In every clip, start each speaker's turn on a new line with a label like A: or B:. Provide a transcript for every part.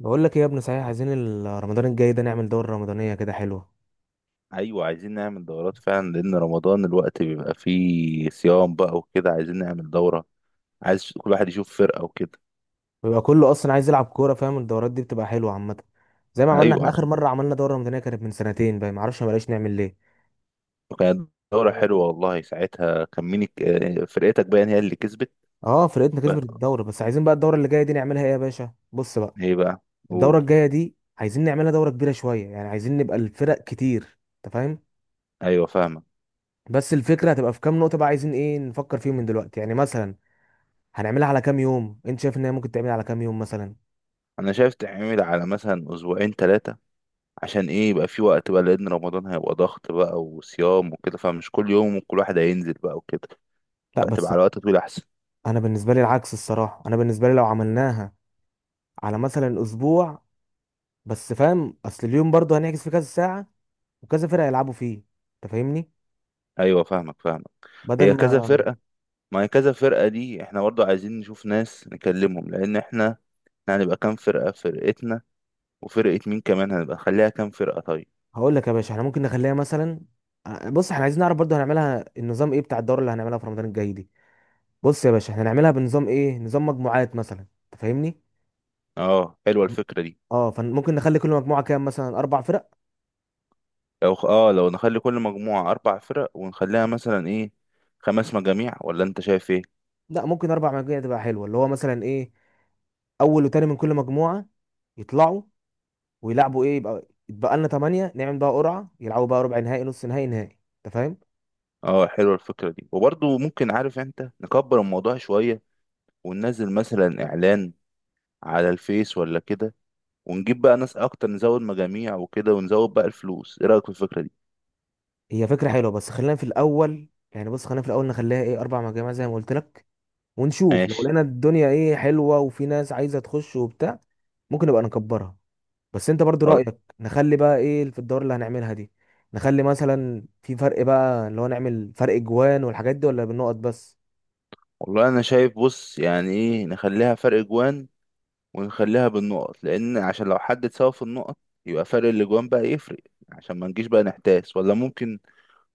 A: بقول لك ايه يا ابني، صحيح عايزين رمضان الجاي ده نعمل دورة رمضانية كده حلوة.
B: ايوه، عايزين نعمل دورات فعلا لان رمضان الوقت بيبقى فيه صيام بقى وكده، عايزين نعمل دورة. عايز كل واحد يشوف فرقة وكده.
A: بيبقى كله اصلا عايز يلعب كورة، فاهم؟ الدورات دي بتبقى حلوة عامة. زي ما عملنا
B: ايوه
A: احنا اخر
B: عشان
A: مرة، عملنا دورة رمضانية كانت من سنتين بقى، ما اعرفش ما بقاش نعمل ليه.
B: كانت دورة حلوة والله. ساعتها كان مين فرقتك باين هي اللي كسبت.
A: اه، فرقتنا كسبت
B: بقى
A: الدورة. بس عايزين بقى الدورة اللي جاية دي نعملها ايه يا باشا. بص بقى.
B: ايه بقى؟
A: الدورة
B: قول.
A: الجاية دي عايزين نعملها دورة كبيرة شوية، يعني عايزين نبقى الفرق كتير. انت فاهم؟
B: ايوه فاهمة.
A: بس الفكرة هتبقى في كام نقطة بقى، عايزين ايه نفكر فيهم من دلوقتي يعني، مثلا هنعملها على كام يوم؟ انت شايف ان هي ممكن تعمل على كام يوم مثلا؟
B: انا شايف تعمل على مثلا اسبوعين ثلاثة، عشان ايه يبقى في وقت بقى، لان رمضان هيبقى ضغط بقى وصيام وكده، فمش كل يوم وكل واحد هينزل بقى وكده،
A: لا
B: فتبقى
A: بس،
B: على وقت طويل احسن.
A: انا بالنسبه لي العكس، الصراحه انا بالنسبه لي لو عملناها على مثلا اسبوع، بس فاهم، اصل اليوم برضه هنعكس فيه كذا ساعه وكذا فرقه يلعبوا فيه. انت فاهمني؟
B: ايوه فاهمك.
A: بدل
B: هي كذا
A: ما،
B: فرقة؟ ما هي كذا فرقة دي احنا برضو عايزين نشوف ناس نكلمهم، لأن احنا احنا هنبقى كام فرقة؟ فرقتنا وفرقة مين كمان؟ هنبقى نخليها كام فرقة طيب؟
A: هقول لك يا باشا، احنا ممكن نخليها مثلا. بص، احنا عايزين نعرف برضه هنعملها النظام ايه بتاع الدوره اللي هنعملها في رمضان الجاي دي. بص يا باشا، احنا هنعملها بنظام ايه، نظام مجموعات مثلا، انت فاهمني؟
B: اه حلوة الفكرة دي.
A: اه، فممكن نخلي كل مجموعه كام، مثلا اربع فرق.
B: لو خ- اه لو نخلي كل مجموعة أربع فرق ونخليها مثلا ايه، خمس مجاميع؟ ولا انت شايف ايه؟
A: لا، ممكن اربع مجموعات تبقى حلوه، اللي هو مثلا ايه، اول وتاني من كل مجموعه يطلعوا ويلعبوا، ايه يبقى يتبقى لنا 8، نعمل بقى قرعه، يلعبوا بقى ربع نهائي، نص نهائي، نهائي. انت فاهم؟
B: اه حلوة الفكرة دي، وبرضو ممكن، عارف انت، نكبر الموضوع شوية وننزل مثلا إعلان على الفيس ولا كده، ونجيب بقى ناس أكتر، نزود مجاميع وكده ونزود بقى الفلوس. ايه رأيك في الفكرة دي؟
A: هي فكره حلوه، بس خلينا في الاول يعني، بص خلينا في الاول نخليها ايه اربع مجاميع زي ما قلت لك، ونشوف لو
B: ماشي.
A: لقينا الدنيا ايه حلوه وفي ناس عايزه تخش وبتاع، ممكن نبقى نكبرها. بس انت برضو رايك نخلي بقى ايه في الدور اللي هنعملها دي، نخلي مثلا في فرق بقى اللي هو نعمل فرق جوان والحاجات دي، ولا بالنقط بس؟
B: والله انا شايف بص، يعني ايه، نخليها فرق جوان ونخليها بالنقط، لان عشان لو حد اتساوى في النقط يبقى فرق الاجوان بقى يفرق، عشان ما نجيش بقى نحتاس. ولا ممكن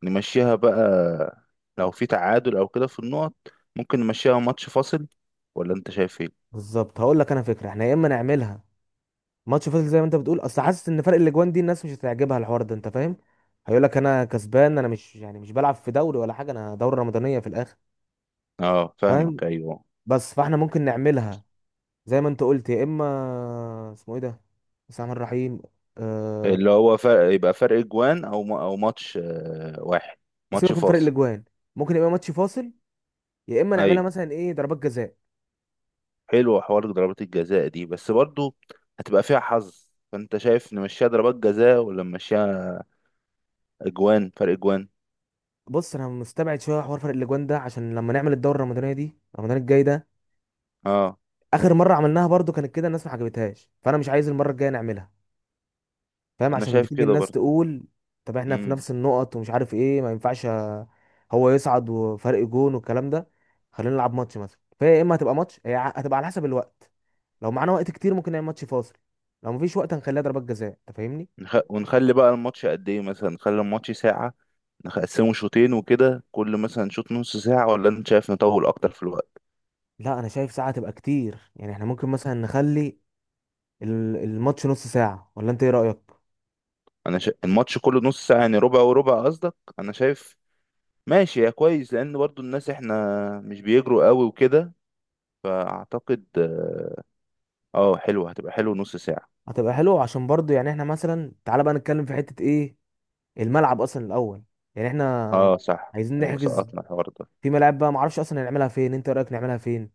B: نمشيها بقى، لو في تعادل او كده في النقط، ممكن نمشيها ماتش فاصل. ولا انت شايف ايه؟
A: بالظبط، هقول لك انا فكره، احنا يا اما نعملها ماتش فاصل زي ما انت بتقول، اصل حاسس ان فرق الاجوان دي الناس مش هتعجبها الحوار ده، انت فاهم؟ هيقول لك انا كسبان، انا مش يعني مش بلعب في دوري ولا حاجه، انا دوره رمضانيه في الاخر.
B: اه
A: فاهم؟
B: فاهمك، ايوه.
A: بس فاحنا ممكن نعملها زي ما انت قلت، يا اما اسمه ايه ده، بسم الله الرحمن الرحيم، أه...
B: اللي هو فرق، يبقى فرق جوان، او ما- او ماتش واحد، ماتش
A: سيبك من فرق
B: فاصل.
A: الاجوان، ممكن يبقى ماتش فاصل، يا اما نعملها
B: ايوه
A: مثلا ايه ضربات جزاء.
B: حلوة حوار ضربات الجزاء دي، بس برضو هتبقى فيها حظ، فانت شايف نمشيها ضربات جزاء ولا نمشيها اجوان، فرق اجوان؟
A: بص، انا مستبعد شويه حوار فرق الاجوان ده، عشان لما نعمل الدوره الرمضانيه دي رمضان الجاي ده،
B: اه
A: اخر مره عملناها برضو كانت كده، الناس ما عجبتهاش، فانا مش عايز المره الجايه نعملها. فاهم؟
B: انا
A: عشان
B: شايف
A: بتيجي
B: كده
A: الناس
B: برضو.
A: تقول، طب احنا في
B: امم
A: نفس النقط ومش عارف ايه، ما ينفعش هو يصعد وفرق جون والكلام ده. خلينا نلعب ماتش مثلا، فهي يا اما هتبقى ماتش، هي هتبقى على حسب الوقت. لو معانا وقت كتير ممكن نعمل ماتش فاصل، لو مفيش وقت هنخليها ضربات جزاء، انت فاهمني؟
B: نخ... ونخلي بقى الماتش قد ايه؟ مثلا نخلي الماتش ساعة، نقسمه شوطين وكده، كل مثلا شوط نص ساعة، ولا انت شايف نطول اكتر في الوقت؟
A: لا، انا شايف ساعه تبقى كتير، يعني احنا ممكن مثلا نخلي الماتش نص ساعه، ولا انت ايه رايك؟
B: الماتش كله نص ساعة يعني، ربع وربع قصدك؟ انا شايف ماشي يا كويس، لان برضو الناس احنا مش بيجروا قوي وكده، فاعتقد اه حلوة، هتبقى حلو نص ساعة.
A: هتبقى حلو عشان برضو يعني. احنا مثلا تعالى بقى نتكلم في حته ايه، الملعب اصلا الاول. يعني احنا
B: اه صح،
A: عايزين
B: ايوه
A: نحجز
B: سقطنا الحوار ده.
A: في ملاعب بقى، معرفش اصلا نعملها فين، انت رايك نعملها فين؟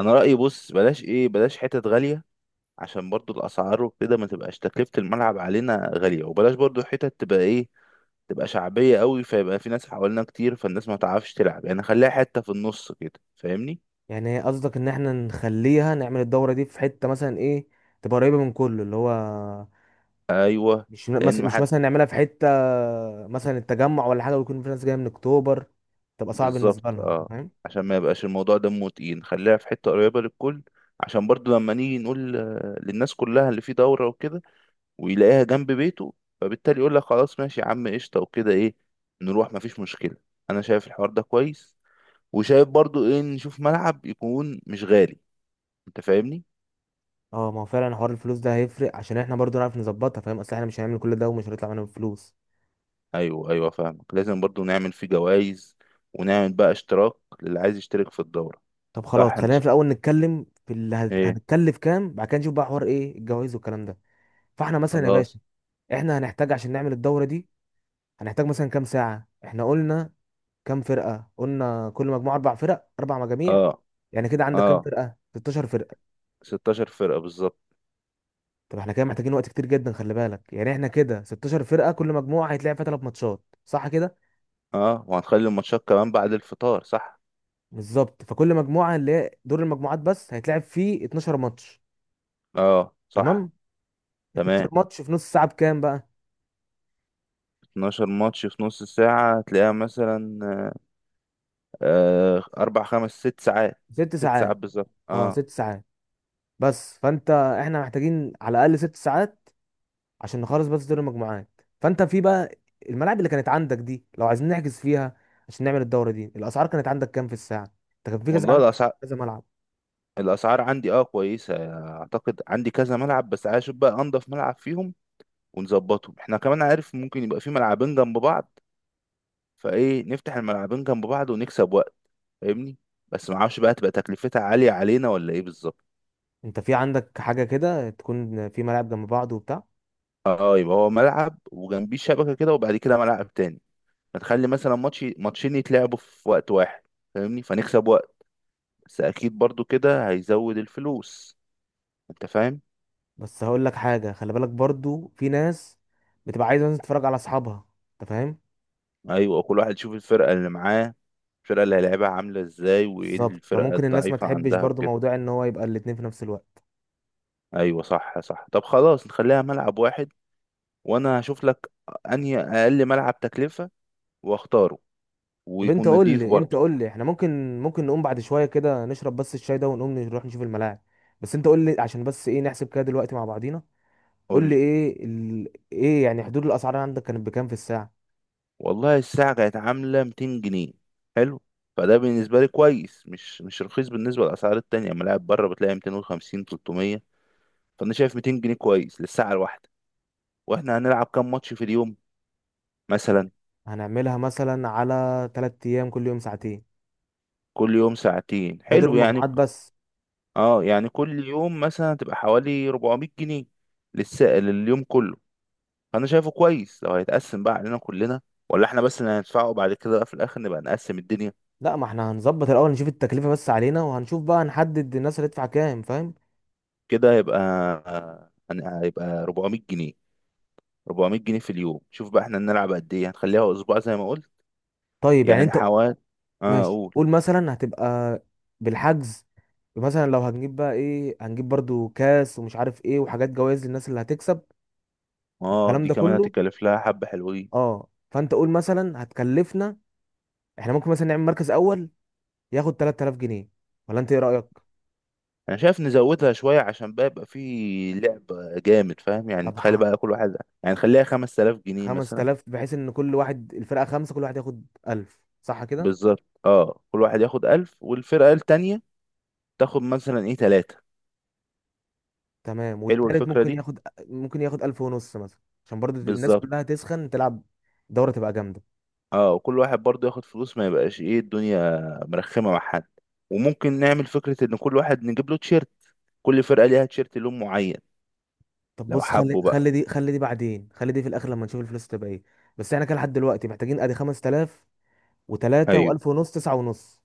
B: انا رأيي بص، بلاش ايه، بلاش حتت غالية، عشان برضو الاسعار وكده ما تبقاش تكلفة الملعب علينا غالية، وبلاش برضو حتت تبقى ايه، تبقى شعبية قوي، فيبقى في ناس حوالينا كتير، فالناس ما تعرفش تلعب، يعني خليها حتة في النص كده، فاهمني؟
A: يعني قصدك ان احنا نخليها نعمل الدوره دي في حته مثلا ايه، تبقى قريبه من كله اللي هو،
B: ايوه،
A: مش
B: لان
A: مثلا
B: ما
A: مش
B: حد.
A: مثلا نعملها في حته مثلا التجمع ولا حاجه، ويكون في ناس جايه من اكتوبر تبقى صعب
B: بالظبط
A: بالنسبه لهم، انت
B: اه،
A: فاهم؟
B: عشان ما يبقاش الموضوع دمه تقيل، خليها في حتة قريبة للكل، عشان برضو لما نيجي نقول للناس كلها اللي في دورة وكده، ويلاقيها جنب بيته، فبالتالي يقول لك خلاص ماشي يا عم قشطة وكده، ايه نروح، مفيش مشكلة. انا شايف الحوار ده كويس، وشايف برضو ايه، نشوف ملعب يكون مش غالي. انت فاهمني؟
A: اه، ما هو فعلا حوار الفلوس ده هيفرق عشان احنا برضو نعرف نظبطها، فاهم؟ اصل احنا مش هنعمل كل ده ومش هنطلع معانا فلوس.
B: ايوه ايوه فاهمك. لازم برضو نعمل فيه جوائز، ونعمل بقى اشتراك للي عايز يشترك في الدورة.
A: طب
B: صح.
A: خلاص، خلينا في الاول نتكلم في اللي
B: ايه؟
A: هنتكلف كام، بعد كده نشوف بقى حوار ايه الجواز والكلام ده. فاحنا مثلا يا
B: خلاص.
A: باشا، احنا هنحتاج عشان نعمل الدوره دي، هنحتاج مثلا كام ساعة. احنا قلنا كام فرقة؟ قلنا كل مجموعة اربع فرق، اربع مجاميع.
B: اه.
A: يعني كده عندك كام
B: اه
A: فرقة، 16 فرقة.
B: 16 فرقة بالظبط.
A: طب احنا كده محتاجين وقت كتير جدا، خلي بالك، يعني احنا كده 16 فرقة، كل مجموعة هيتلعب فيها ثلاث ماتشات، صح كده؟
B: اه، وهنخلي الماتشات كمان بعد الفطار، صح.
A: بالظبط، فكل مجموعة اللي هي دور المجموعات بس هيتلعب فيه 12 ماتش.
B: اه صح.
A: تمام. 12
B: تمام.
A: ماتش في نص ساعة بكام بقى؟
B: 12 ماتش في نص ساعة هتلاقيها مثلا أربع خمس ست ساعات.
A: ست
B: ست ساعات
A: ساعات.
B: بالظبط
A: اه،
B: اه.
A: ست ساعات. بس فانت احنا محتاجين على الاقل ست ساعات عشان نخلص بس دور المجموعات. فانت في بقى الملاعب اللي كانت عندك دي، لو عايزين نحجز فيها عشان نعمل الدوره دي، الاسعار كانت عندك كام في الساعه؟ انت كان في كذا
B: والله
A: عندك،
B: الأسعار،
A: كذا ملعب.
B: الأسعار عندي اه كويسة. أعتقد عندي كذا ملعب، بس عايز أشوف بقى أنضف ملعب فيهم ونظبطهم. احنا كمان، عارف، ممكن يبقى في ملعبين جنب بعض، فإيه، نفتح الملعبين جنب بعض ونكسب وقت، فاهمني؟ بس معرفش بقى تبقى تكلفتها عالية علينا ولا إيه بالظبط.
A: انت في عندك حاجه كده تكون في ملاعب جنب بعض وبتاع؟
B: اه يبقى هو ملعب وجنبيه شبكة كده، وبعد كده ملعب تاني، فتخلي مثلا ماتش ماتشين يتلعبوا في وقت واحد، فاهمني؟ فنكسب وقت، بس أكيد برضو كده هيزود الفلوس، انت فاهم.
A: بس هقول لك حاجه، خلي بالك برضو في ناس بتبقى عايزه مثلا تتفرج على اصحابها، انت فاهم؟
B: ايوه كل واحد يشوف الفرقه اللي معاه، الفرقه اللي هيلعبها عامله ازاي، وايه
A: بالظبط،
B: الفرقه
A: فممكن الناس ما
B: الضعيفه
A: تحبش
B: عندها
A: برضو
B: وكده.
A: موضوع ان هو يبقى الاتنين في نفس الوقت.
B: ايوه صح صح. طب خلاص نخليها ملعب واحد، وانا هشوف لك انهي اقل ملعب تكلفه واختاره،
A: طب انت
B: ويكون
A: قول
B: نضيف
A: لي انت
B: برضه.
A: قول لي احنا ممكن نقوم بعد شويه كده نشرب بس الشاي ده ونقوم نروح نشوف الملاعب. بس انت قول لي عشان بس ايه نحسب كده دلوقتي مع بعضينا. قول
B: قول
A: لي
B: لي.
A: ايه ايه يعني، حدود الاسعار عندك كانت بكام في الساعه؟
B: والله الساعه كانت عامله 200 جنيه. حلو، فده بالنسبه لي كويس، مش رخيص بالنسبه للاسعار التانية. ملاعب بره بتلاقي 250، 300، فانا شايف 200 جنيه كويس للساعه الواحده. واحنا هنلعب كام ماتش في اليوم مثلا؟
A: هنعملها مثلا على 3 ايام، كل يوم ساعتين.
B: كل يوم ساعتين،
A: ده دور
B: حلو يعني.
A: المجموعات بس.
B: اه يعني كل يوم مثلا هتبقى حوالي 400 جنيه للسائل لليوم كله، فانا شايفه كويس لو هيتقسم بقى علينا كلنا، ولا احنا بس اللي هندفعه، بعد كده بقى في الاخر نبقى نقسم الدنيا.
A: لا، ما احنا هنظبط الاول، نشوف التكلفه بس علينا، وهنشوف بقى نحدد الناس اللي هتدفع كام، فاهم؟
B: كده هيبقى هيبقى 400 جنيه. 400 جنيه في اليوم، شوف بقى احنا نلعب قد ايه، هنخليها اسبوع زي ما قلت.
A: طيب، يعني
B: يعني
A: انت
B: حوالي، اه
A: ماشي،
B: اقول.
A: قول مثلا هتبقى بالحجز، مثلا لو هنجيب بقى ايه، هنجيب برضو كاس ومش عارف ايه وحاجات جوائز للناس اللي هتكسب
B: اه
A: والكلام
B: دي
A: ده
B: كمان
A: كله.
B: هتكلف لها حبة حلوين.
A: اه، فانت قول مثلا هتكلفنا، احنا ممكن مثلا نعمل مركز اول ياخد 3000 جنيه، ولا انت ايه رأيك؟
B: انا شايف نزودها شويه، عشان بقى يبقى في لعب جامد، فاهم؟ يعني
A: طب
B: تخلي بقى كل واحد، يعني خليها 5000 جنيه مثلا.
A: 5000، بحيث ان كل واحد الفرقة خمسة، كل واحد ياخد 1000، صح كده؟
B: بالظبط اه، كل واحد ياخد 1000، والفرقه التانيه تاخد مثلا ايه، ثلاثه.
A: تمام.
B: حلو
A: والتالت
B: الفكره
A: ممكن
B: دي.
A: ياخد، ممكن ياخد 1000 ونص مثلا، عشان برضو الناس
B: بالظبط
A: كلها تسخن تلعب، دورة تبقى جامدة.
B: اه، وكل واحد برضه ياخد فلوس، ما يبقاش ايه الدنيا مرخمه مع حد. وممكن نعمل فكره ان كل واحد نجيب له تيشيرت، كل فرقه ليها تيشيرت لون معين.
A: طب
B: لو
A: بص، خلي
B: حبوا بقى.
A: خلي دي، خلي دي بعدين، خلي دي في الاخر لما نشوف الفلوس تبقى ايه. بس احنا كده لحد دلوقتي محتاجين ادي 5000 و3
B: ايوه.
A: و1000 ونص، 9 ونص.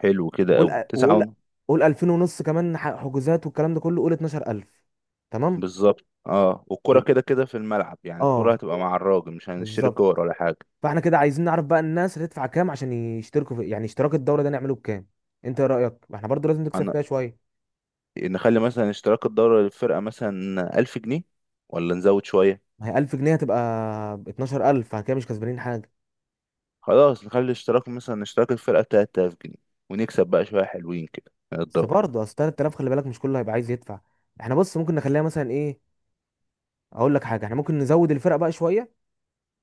B: حلو كده قوي،
A: وقول
B: 9.
A: قول 2000 ونص كمان حجوزات والكلام ده كله، قول 12000. تمام،
B: بالظبط اه، والكرة
A: يبقى
B: كده كده في الملعب، يعني الكرة
A: اه،
B: هتبقى مع الراجل، مش هنشتري
A: بالظبط.
B: كور ولا حاجة.
A: فاحنا كده عايزين نعرف بقى الناس هتدفع كام عشان يشتركوا في يعني اشتراك الدوره ده نعمله بكام؟ انت ايه رايك، ما احنا برضو لازم نكسب
B: هن...
A: فيها شويه.
B: نخلي مثلا اشتراك الدورة للفرقة مثلا ألف جنيه، ولا نزود شوية؟
A: ما هي 1000 جنيه هتبقى 12000، فاحنا كده مش كسبانين حاجه.
B: خلاص نخلي اشتراك مثلا، اشتراك الفرقة تلات آلاف جنيه، ونكسب بقى شوية حلوين كده من
A: بس
B: الدورة.
A: برضه اصل 3000، خلي بالك مش كله هيبقى عايز يدفع. احنا بص، ممكن نخليها مثلا ايه، اقول لك حاجه، احنا ممكن نزود الفرق بقى شويه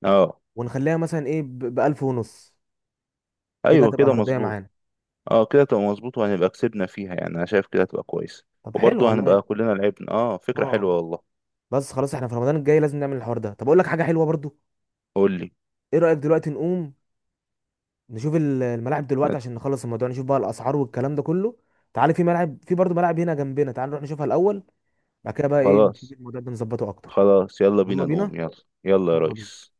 B: اه
A: ونخليها مثلا ايه ب 1000 ونص. كده
B: أيوة
A: هتبقى
B: كده
A: مرضيه
B: مظبوط.
A: معانا.
B: اه كده تبقى مظبوط، وهنبقى كسبنا فيها، يعني أنا شايف كده هتبقى كويس.
A: طب حلو
B: وبرضه هنبقى
A: والله.
B: كلنا لعبنا، اه فكرة
A: اه،
B: حلوة والله.
A: بس خلاص احنا في رمضان الجاي لازم نعمل الحوار ده. طب اقول لك حاجه حلوه برضو،
B: قول لي.
A: ايه رايك دلوقتي نقوم نشوف الملاعب دلوقتي، عشان نخلص الموضوع، نشوف بقى الاسعار والكلام ده كله. تعالى في ملعب، في برضو ملعب هنا جنبنا، تعالى نروح نشوفها الاول، بعد كده بقى ايه نشوف
B: خلاص
A: الموضوع ده نظبطه اكتر.
B: خلاص يلا
A: يلا
B: بينا
A: بينا،
B: نقوم، يلا. يلا يا
A: يلا بينا.
B: ريس.